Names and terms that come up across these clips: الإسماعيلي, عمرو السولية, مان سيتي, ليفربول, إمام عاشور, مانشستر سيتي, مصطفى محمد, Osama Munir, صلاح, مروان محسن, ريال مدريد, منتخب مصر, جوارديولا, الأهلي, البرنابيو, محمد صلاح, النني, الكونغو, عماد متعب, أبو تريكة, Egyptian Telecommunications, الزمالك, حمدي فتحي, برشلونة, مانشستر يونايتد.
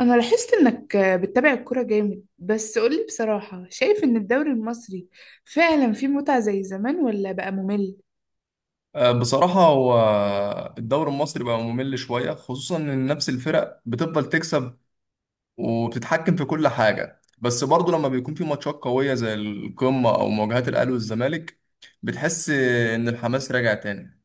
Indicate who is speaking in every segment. Speaker 1: أنا لاحظت إنك بتتابع الكورة جامد، بس قولي بصراحة، شايف إن الدوري المصري فعلا فيه متعة زي زمان ولا بقى ممل؟
Speaker 2: آه، بصراحة هو الدوري المصري بقى ممل شوية، خصوصا إن نفس الفرق بتفضل تكسب وبتتحكم في كل حاجة. بس برضه لما بيكون في ماتشات قوية زي القمة أو مواجهات الأهلي والزمالك بتحس إن الحماس راجع تاني.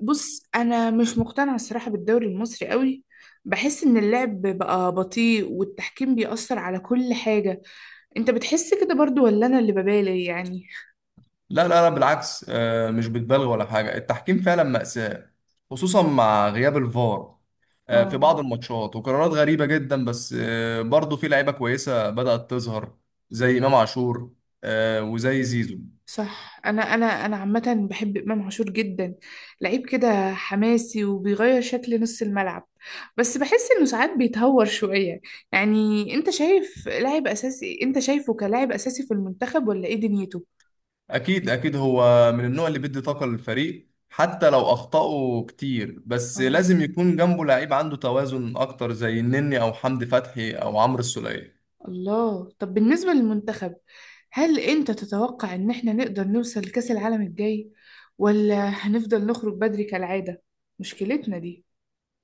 Speaker 1: بص، أنا مش مقتنعة الصراحة بالدوري المصري قوي. بحس إن اللعب بقى بطيء والتحكيم بيأثر على كل حاجة. أنت بتحس كده برضو ولا أنا اللي ببالي يعني؟
Speaker 2: لا لا لا، بالعكس، مش بتبالغ ولا حاجة، التحكيم فعلا مأساة خصوصا مع غياب الفار. في
Speaker 1: آه،
Speaker 2: بعض الماتشات وقرارات غريبة جدا، بس برضه في لعيبة كويسة بدأت تظهر زي إمام عاشور، وزي زيزو.
Speaker 1: صح. انا عامه بحب امام عاشور جدا. لعيب كده حماسي وبيغير شكل نص الملعب، بس بحس انه ساعات بيتهور شويه. يعني انت شايف لاعب اساسي، انت شايفه كلاعب اساسي في المنتخب ولا ايه دنيته؟
Speaker 2: اكيد اكيد، هو من النوع اللي بيدي طاقه للفريق حتى لو اخطأه كتير، بس
Speaker 1: اه،
Speaker 2: لازم يكون جنبه لعيب عنده توازن اكتر زي النني او حمدي فتحي او عمرو السولية.
Speaker 1: الله. طب بالنسبه للمنتخب، هل انت تتوقع ان احنا نقدر نوصل لكأس العالم الجاي ولا هنفضل نخرج بدري كالعاده؟ مشكلتنا دي.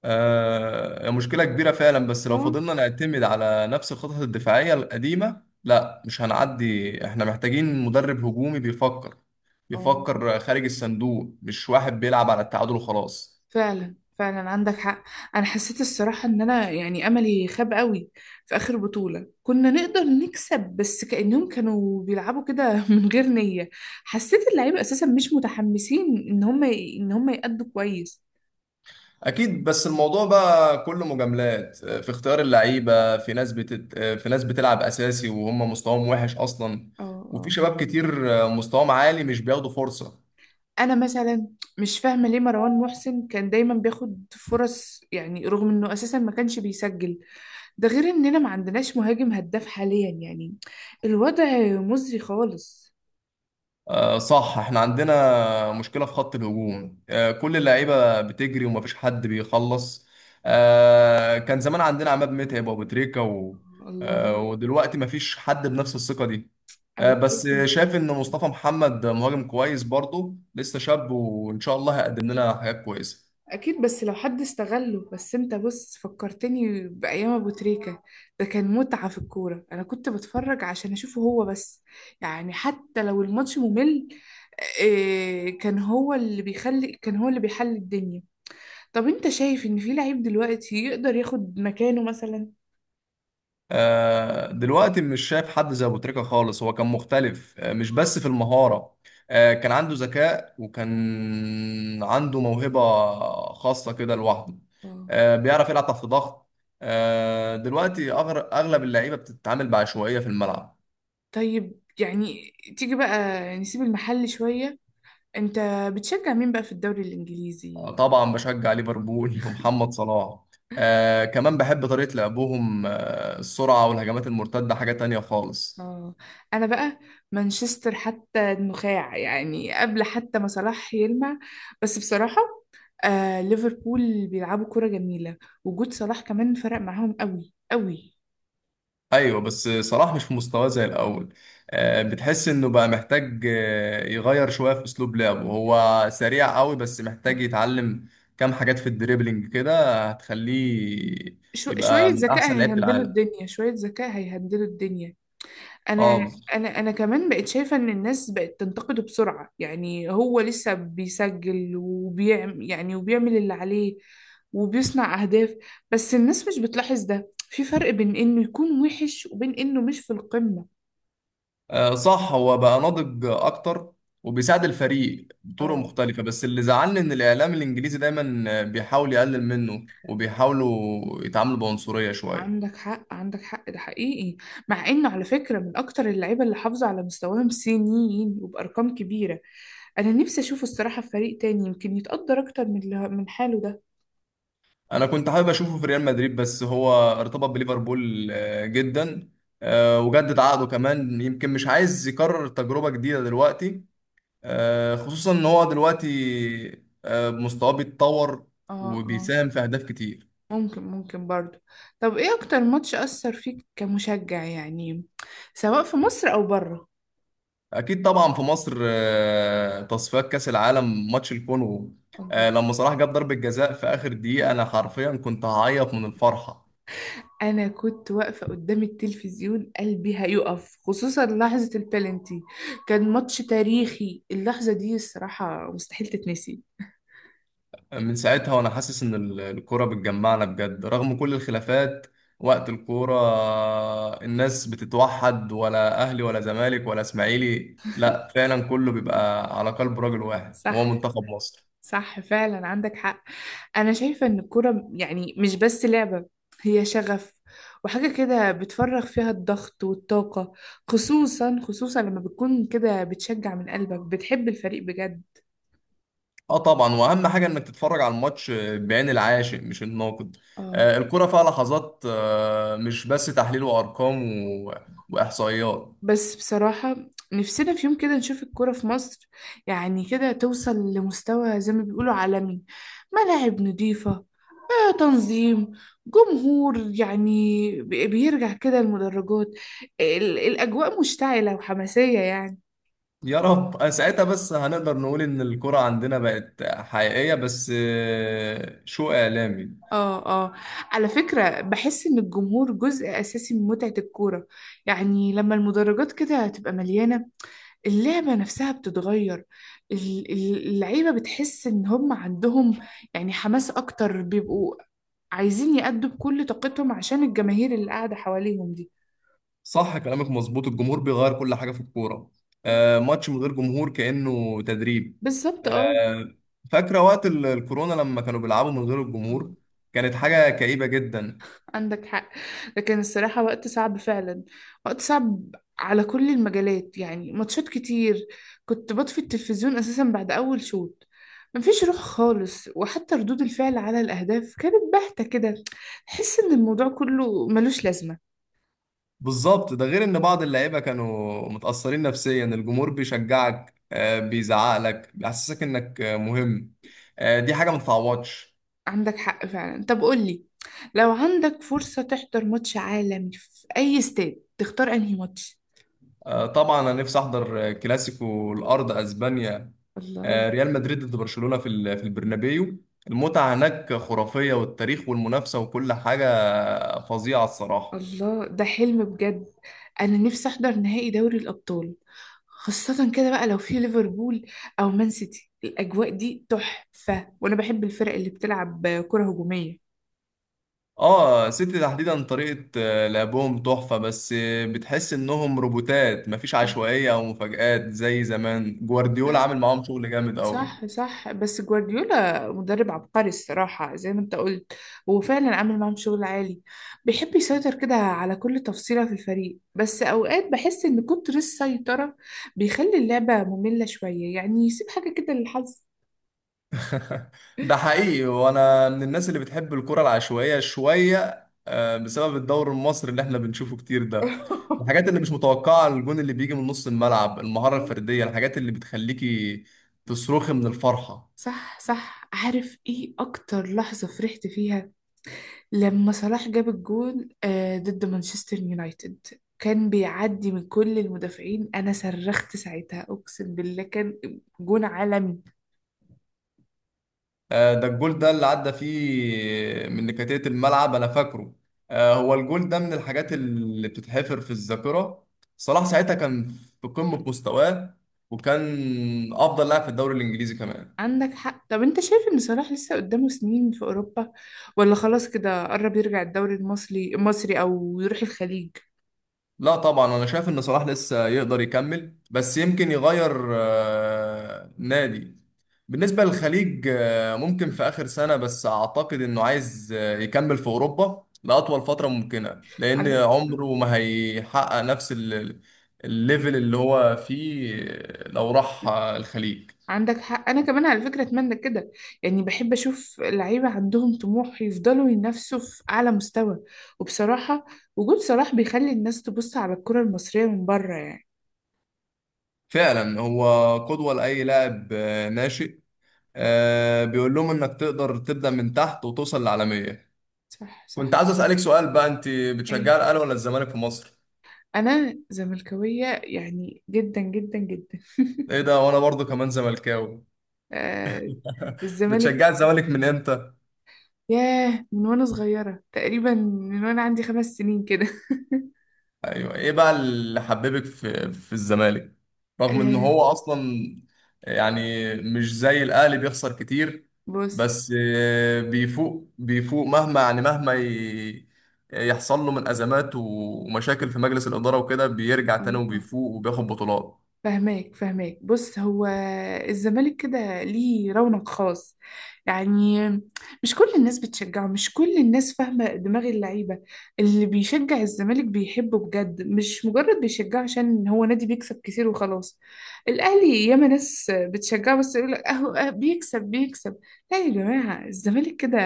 Speaker 2: آه، مشكله كبيره فعلا. بس لو
Speaker 1: اه
Speaker 2: فضلنا نعتمد على نفس الخطط الدفاعيه القديمه لا مش هنعدي، احنا محتاجين مدرب هجومي بيفكر
Speaker 1: اه،
Speaker 2: بيفكر خارج الصندوق، مش واحد بيلعب على التعادل وخلاص.
Speaker 1: فعلا فعلا عندك حق. انا حسيت الصراحة ان انا يعني املي خاب قوي في اخر بطولة. كنا نقدر نكسب بس كأنهم كانوا بيلعبوا كده من غير نية. حسيت اللعيبة اساسا مش متحمسين ان هم يأدوا كويس.
Speaker 2: اكيد، بس الموضوع بقى كله مجاملات في اختيار اللعيبه، في ناس بتلعب اساسي وهم مستواهم وحش اصلا،
Speaker 1: اه
Speaker 2: وفي
Speaker 1: اه.
Speaker 2: شباب كتير مستواهم عالي مش بياخدوا فرصه.
Speaker 1: انا مثلا مش فاهمة ليه مروان محسن كان دايما بياخد فرص، يعني رغم انه اساسا ما كانش بيسجل. ده غير اننا ما عندناش مهاجم هداف حاليا، يعني الوضع مزري خالص.
Speaker 2: آه، صح احنا عندنا مشكلة في خط الهجوم، كل اللعيبة بتجري ومفيش حد بيخلص. كان زمان عندنا عماد متعب وابو تريكة و... آه،
Speaker 1: الله،
Speaker 2: ودلوقتي مفيش حد بنفس الثقة دي.
Speaker 1: ابو
Speaker 2: بس
Speaker 1: تريكة.
Speaker 2: شايف ان مصطفى محمد مهاجم كويس برضه، لسه شاب وان شاء الله هيقدم لنا حاجات كويسة.
Speaker 1: اكيد، بس لو حد استغله. بس انت بص، فكرتني بايام ابو تريكة. ده كان متعة في الكورة. انا كنت بتفرج عشان اشوفه هو بس، يعني حتى لو الماتش ممل. إيه، كان هو اللي بيحل الدنيا. طب انت شايف ان في لعيب دلوقتي يقدر ياخد مكانه مثلا؟
Speaker 2: دلوقتي مش شايف حد زي ابو تريكة خالص، هو كان مختلف، مش بس في المهارة، كان عنده ذكاء وكان عنده موهبة خاصة كده لوحده،
Speaker 1: اه.
Speaker 2: بيعرف يلعب تحت ضغط. دلوقتي أغلب اللعيبة بتتعامل بعشوائية في الملعب.
Speaker 1: طيب يعني، تيجي بقى نسيب المحل شوية. انت بتشجع مين بقى في الدوري
Speaker 2: آه،
Speaker 1: الانجليزي؟
Speaker 2: طبعا بشجع ليفربول ومحمد صلاح. كمان بحب طريقة لعبهم، السرعة والهجمات المرتدة حاجة تانية خالص.
Speaker 1: اه. انا بقى مانشستر حتى النخاع، يعني قبل حتى ما صلاح يلمع. بس بصراحة آه، ليفربول بيلعبوا كرة جميلة. وجود صلاح كمان فرق معاهم قوي قوي.
Speaker 2: ايوه، بس صلاح مش في مستواه زي الاول. بتحس انه بقى محتاج يغير شويه في اسلوب لعبه، هو سريع قوي بس محتاج يتعلم كام حاجات في الدريبلينج كده هتخليه
Speaker 1: شوية
Speaker 2: يبقى من
Speaker 1: ذكاء
Speaker 2: احسن لعيبه
Speaker 1: هيهندلوا
Speaker 2: العالم.
Speaker 1: الدنيا، شوية ذكاء هيهندلوا الدنيا. انا
Speaker 2: اه بالظبط.
Speaker 1: انا انا كمان بقت شايفه ان الناس بقت تنتقده بسرعه، يعني هو لسه بيسجل وبيعمل اللي عليه وبيصنع اهداف، بس الناس مش بتلاحظ ده. في فرق بين انه يكون وحش وبين انه مش في القمه.
Speaker 2: آه، صح هو بقى ناضج اكتر وبيساعد الفريق بطرق
Speaker 1: اه،
Speaker 2: مختلفه. بس اللي زعلني ان الاعلام الانجليزي دايما بيحاول يقلل منه وبيحاولوا يتعاملوا بعنصريه شويه.
Speaker 1: عندك حق عندك حق، ده حقيقي. مع انه على فكره من اكتر اللعيبه اللي حافظوا على مستواهم سنين وبارقام كبيره. انا نفسي اشوفه الصراحه في فريق تاني يمكن يتقدر اكتر من حاله ده.
Speaker 2: انا كنت حابب اشوفه في ريال مدريد، بس هو ارتبط بليفربول جدا، وجدد عقده كمان. يمكن مش عايز يكرر تجربة جديدة دلوقتي، خصوصا ان هو دلوقتي مستواه بيتطور
Speaker 1: اه اه.
Speaker 2: وبيساهم في اهداف كتير.
Speaker 1: ممكن ممكن برضو. طب ايه اكتر ماتش اثر فيك كمشجع، يعني سواء في مصر او بره؟
Speaker 2: اكيد طبعا. في مصر تصفيات كاس العالم ماتش الكونغو،
Speaker 1: الله.
Speaker 2: لما صلاح جاب ضربة جزاء في اخر دقيقة انا حرفيا كنت هعيط من الفرحة.
Speaker 1: انا كنت واقفه قدام التلفزيون قلبي هيقف، خصوصا لحظه البلنتي. كان ماتش تاريخي. اللحظه دي الصراحه مستحيل تتنسي.
Speaker 2: من ساعتها وانا حاسس ان الكوره بتجمعنا بجد رغم كل الخلافات. وقت الكوره الناس بتتوحد، ولا اهلي ولا زمالك ولا اسماعيلي، لا فعلا كله بيبقى على قلب راجل واحد وهو
Speaker 1: صح
Speaker 2: منتخب مصر.
Speaker 1: صح، فعلا عندك حق. أنا شايفة إن الكورة يعني مش بس لعبة، هي شغف وحاجة كده بتفرغ فيها الضغط والطاقة. خصوصا خصوصا لما بتكون كده بتشجع من قلبك، بتحب الفريق بجد.
Speaker 2: اه طبعا، واهم حاجه انك تتفرج على الماتش بعين العاشق مش الناقد.
Speaker 1: اه.
Speaker 2: الكوره فيها لحظات مش بس تحليل وارقام و- واحصائيات.
Speaker 1: بس بصراحة نفسنا في يوم كده نشوف الكورة في مصر يعني كده توصل لمستوى زي ما بيقولوا عالمي. ملاعب نظيفة، آه، تنظيم، جمهور يعني بيرجع كده المدرجات، الأجواء مشتعلة وحماسية يعني.
Speaker 2: يا رب، ساعتها بس هنقدر نقول ان الكرة عندنا بقت حقيقية. بس شو اعلامي.
Speaker 1: اه اه. على فكرة بحس ان الجمهور جزء اساسي من متعة الكورة. يعني لما المدرجات كده تبقى مليانة، اللعبة نفسها بتتغير. اللعيبة بتحس ان هم عندهم يعني حماس اكتر، بيبقوا عايزين يأدوا بكل طاقتهم عشان الجماهير اللي قاعدة حواليهم دي.
Speaker 2: صح كلامك مظبوط، الجمهور بيغير كل حاجة في الكورة. ماتش من غير جمهور كأنه تدريب.
Speaker 1: بالظبط اه.
Speaker 2: آه، فاكرة وقت الكورونا لما كانوا بيلعبوا من غير الجمهور، كانت حاجة كئيبة جدا.
Speaker 1: عندك حق، لكن الصراحة وقت صعب فعلا. وقت صعب على كل المجالات. يعني ماتشات كتير كنت بطفي التلفزيون أساسا بعد أول شوط. مفيش روح خالص، وحتى ردود الفعل على الأهداف كانت باهتة كده. تحس إن الموضوع كله ملوش لازمة.
Speaker 2: بالظبط، ده غير ان بعض اللعيبة كانوا متأثرين نفسيا. الجمهور بيشجعك بيزعقلك بيحسسك انك مهم، دي حاجة ما تتعوضش.
Speaker 1: عندك حق فعلا. طب قولي، لو عندك فرصة تحضر ماتش عالمي في أي استاد تختار أنهي ماتش؟
Speaker 2: آه، طبعا انا نفسي احضر كلاسيكو الارض اسبانيا،
Speaker 1: الله.
Speaker 2: ريال مدريد ضد برشلونة في في البرنابيو. المتعة هناك خرافية، والتاريخ والمنافسة وكل حاجة فظيعة الصراحة.
Speaker 1: الله، ده حلم بجد. انا نفسي احضر نهائي دوري الابطال، خاصة كده بقى لو في ليفربول او مان سيتي. الاجواء دي تحفة، وانا بحب الفرق اللي بتلعب كرة هجومية.
Speaker 2: اه، سيتي تحديدا طريقة لعبهم تحفة. بس بتحس انهم روبوتات، مفيش عشوائية او مفاجآت زي زمان، جوارديولا
Speaker 1: صح.
Speaker 2: عامل معاهم شغل جامد قوي.
Speaker 1: صح صح، بس جوارديولا مدرب عبقري الصراحة، زي ما انت قلت هو فعلا عامل معاهم شغل عالي. بيحب يسيطر كده على كل تفصيلة في الفريق، بس أوقات بحس إن كتر السيطرة بيخلي اللعبة مملة شوية، يعني يسيب حاجة كده للحظ.
Speaker 2: ده حقيقي، وانا من الناس اللي بتحب الكرة العشوائية شوية بسبب الدوري المصري اللي احنا بنشوفه كتير ده. الحاجات اللي مش متوقعة، الجون اللي بيجي من نص الملعب، المهارة الفردية، الحاجات اللي بتخليكي تصرخي من الفرحة.
Speaker 1: صح صح. عارف ايه اكتر لحظة فرحت فيها؟ لما صلاح جاب الجول آه، ضد مانشستر يونايتد، كان بيعدي من كل المدافعين. انا صرخت ساعتها، اقسم بالله كان جون عالمي.
Speaker 2: آه، ده الجول ده اللي عدى فيه من نكتات الملعب انا فاكره. هو الجول ده من الحاجات اللي بتتحفر في الذاكرة. صلاح ساعتها كان في قمة مستواه، وكان افضل لاعب في الدوري الانجليزي كمان.
Speaker 1: عندك حق. طب انت شايف ان صلاح لسه قدامه سنين في اوروبا ولا خلاص كده قرب يرجع الدوري المصري المصري او يروح الخليج؟
Speaker 2: لا طبعا، انا شايف ان صلاح لسه يقدر يكمل، بس يمكن يغير نادي. بالنسبة للخليج ممكن في آخر سنة، بس أعتقد إنه عايز يكمل في أوروبا لأطول فترة ممكنة، لأن
Speaker 1: على.
Speaker 2: عمره ما هيحقق نفس الليفل اللي هو فيه لو راح الخليج.
Speaker 1: عندك حق. انا كمان على فكره اتمنى كده، يعني بحب اشوف لعيبه عندهم طموح يفضلوا ينافسوا في اعلى مستوى. وبصراحه وجود صلاح بيخلي الناس تبص على الكره المصريه من بره يعني.
Speaker 2: فعلا هو قدوة لأي لاعب ناشئ، بيقول لهم إنك تقدر تبدأ من تحت وتوصل للعالمية.
Speaker 1: صح صح.
Speaker 2: كنت عايز اسالك سؤال بقى، انت
Speaker 1: ايه،
Speaker 2: بتشجع الاهلي ولا الزمالك في مصر؟
Speaker 1: انا زملكاويه يعني جدا جدا جدا.
Speaker 2: ايه ده، وانا برضو كمان زملكاوي.
Speaker 1: آه،
Speaker 2: بتشجع
Speaker 1: الزمالك.
Speaker 2: الزمالك من امتى؟
Speaker 1: ياه، من وانا صغيره، تقريبا من وانا عندي 5 سنين كده.
Speaker 2: ايوه، ايه بقى اللي حببك في الزمالك؟ رغم ان
Speaker 1: آه،
Speaker 2: هو اصلا يعني مش زي الاهلي بيخسر كتير،
Speaker 1: بص.
Speaker 2: بس بيفوق بيفوق مهما يعني يحصل له من ازمات ومشاكل في مجلس الاداره وكده بيرجع تاني
Speaker 1: اه،
Speaker 2: وبيفوق وبياخد بطولات.
Speaker 1: فهماك فهماك. بص، هو الزمالك كده ليه رونق خاص، يعني مش كل الناس بتشجعه، مش كل الناس فاهمة دماغ اللعيبة. اللي بيشجع الزمالك بيحبه بجد، مش مجرد بيشجعه عشان هو نادي بيكسب كتير وخلاص. الأهلي ياما ناس بتشجعه، بس يقول لك أهو أه بيكسب بيكسب. لا يا جماعة، الزمالك كده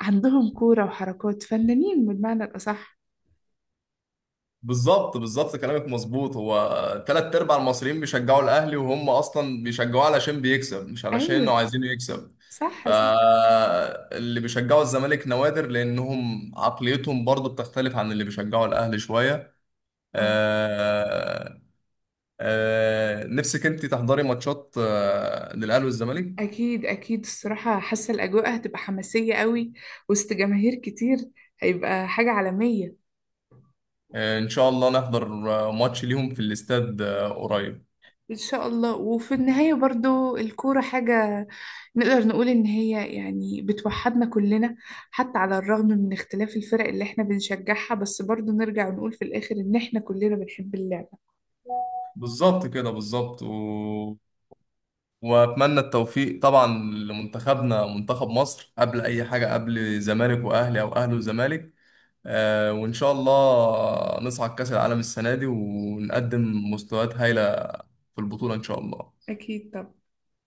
Speaker 1: عندهم كورة وحركات فنانين بالمعنى الأصح.
Speaker 2: بالظبط بالظبط كلامك مظبوط، هو تلات ارباع المصريين بيشجعوا الاهلي وهم اصلا بيشجعوه علشان بيكسب مش علشان انه
Speaker 1: أيوه،
Speaker 2: عايزينه يكسب.
Speaker 1: صح صح.
Speaker 2: فاللي بيشجعوا الزمالك نوادر، لانهم عقليتهم برضو بتختلف عن اللي بيشجعوا الاهلي شوية.
Speaker 1: آه.
Speaker 2: آه نفسك انت تحضري ماتشات
Speaker 1: أكيد.
Speaker 2: للاهلي والزمالك؟
Speaker 1: أكيد أكيد، الصراحة حاسة الأجواء هتبقى حماسية قوي وسط جماهير كتير. هيبقى حاجة عالمية.
Speaker 2: ان شاء الله نحضر ماتش ليهم في الاستاد قريب.
Speaker 1: إن شاء الله. وفي النهاية برضو الكورة حاجة نقدر نقول إن هي يعني بتوحدنا كلنا، حتى على الرغم من اختلاف الفرق اللي إحنا بنشجعها، بس برضو نرجع ونقول في الآخر إن إحنا كلنا بنحب اللعبة.
Speaker 2: بالظبط كده بالظبط واتمنى التوفيق طبعا لمنتخبنا، منتخب مصر، قبل اي حاجه، قبل زمالك واهلي او اهلي وزمالك. وان شاء الله نصعد كاس العالم السنه دي
Speaker 1: أكيد
Speaker 2: ونقدم مستويات هايله في البطوله ان شاء الله.
Speaker 1: أكيد طبعا.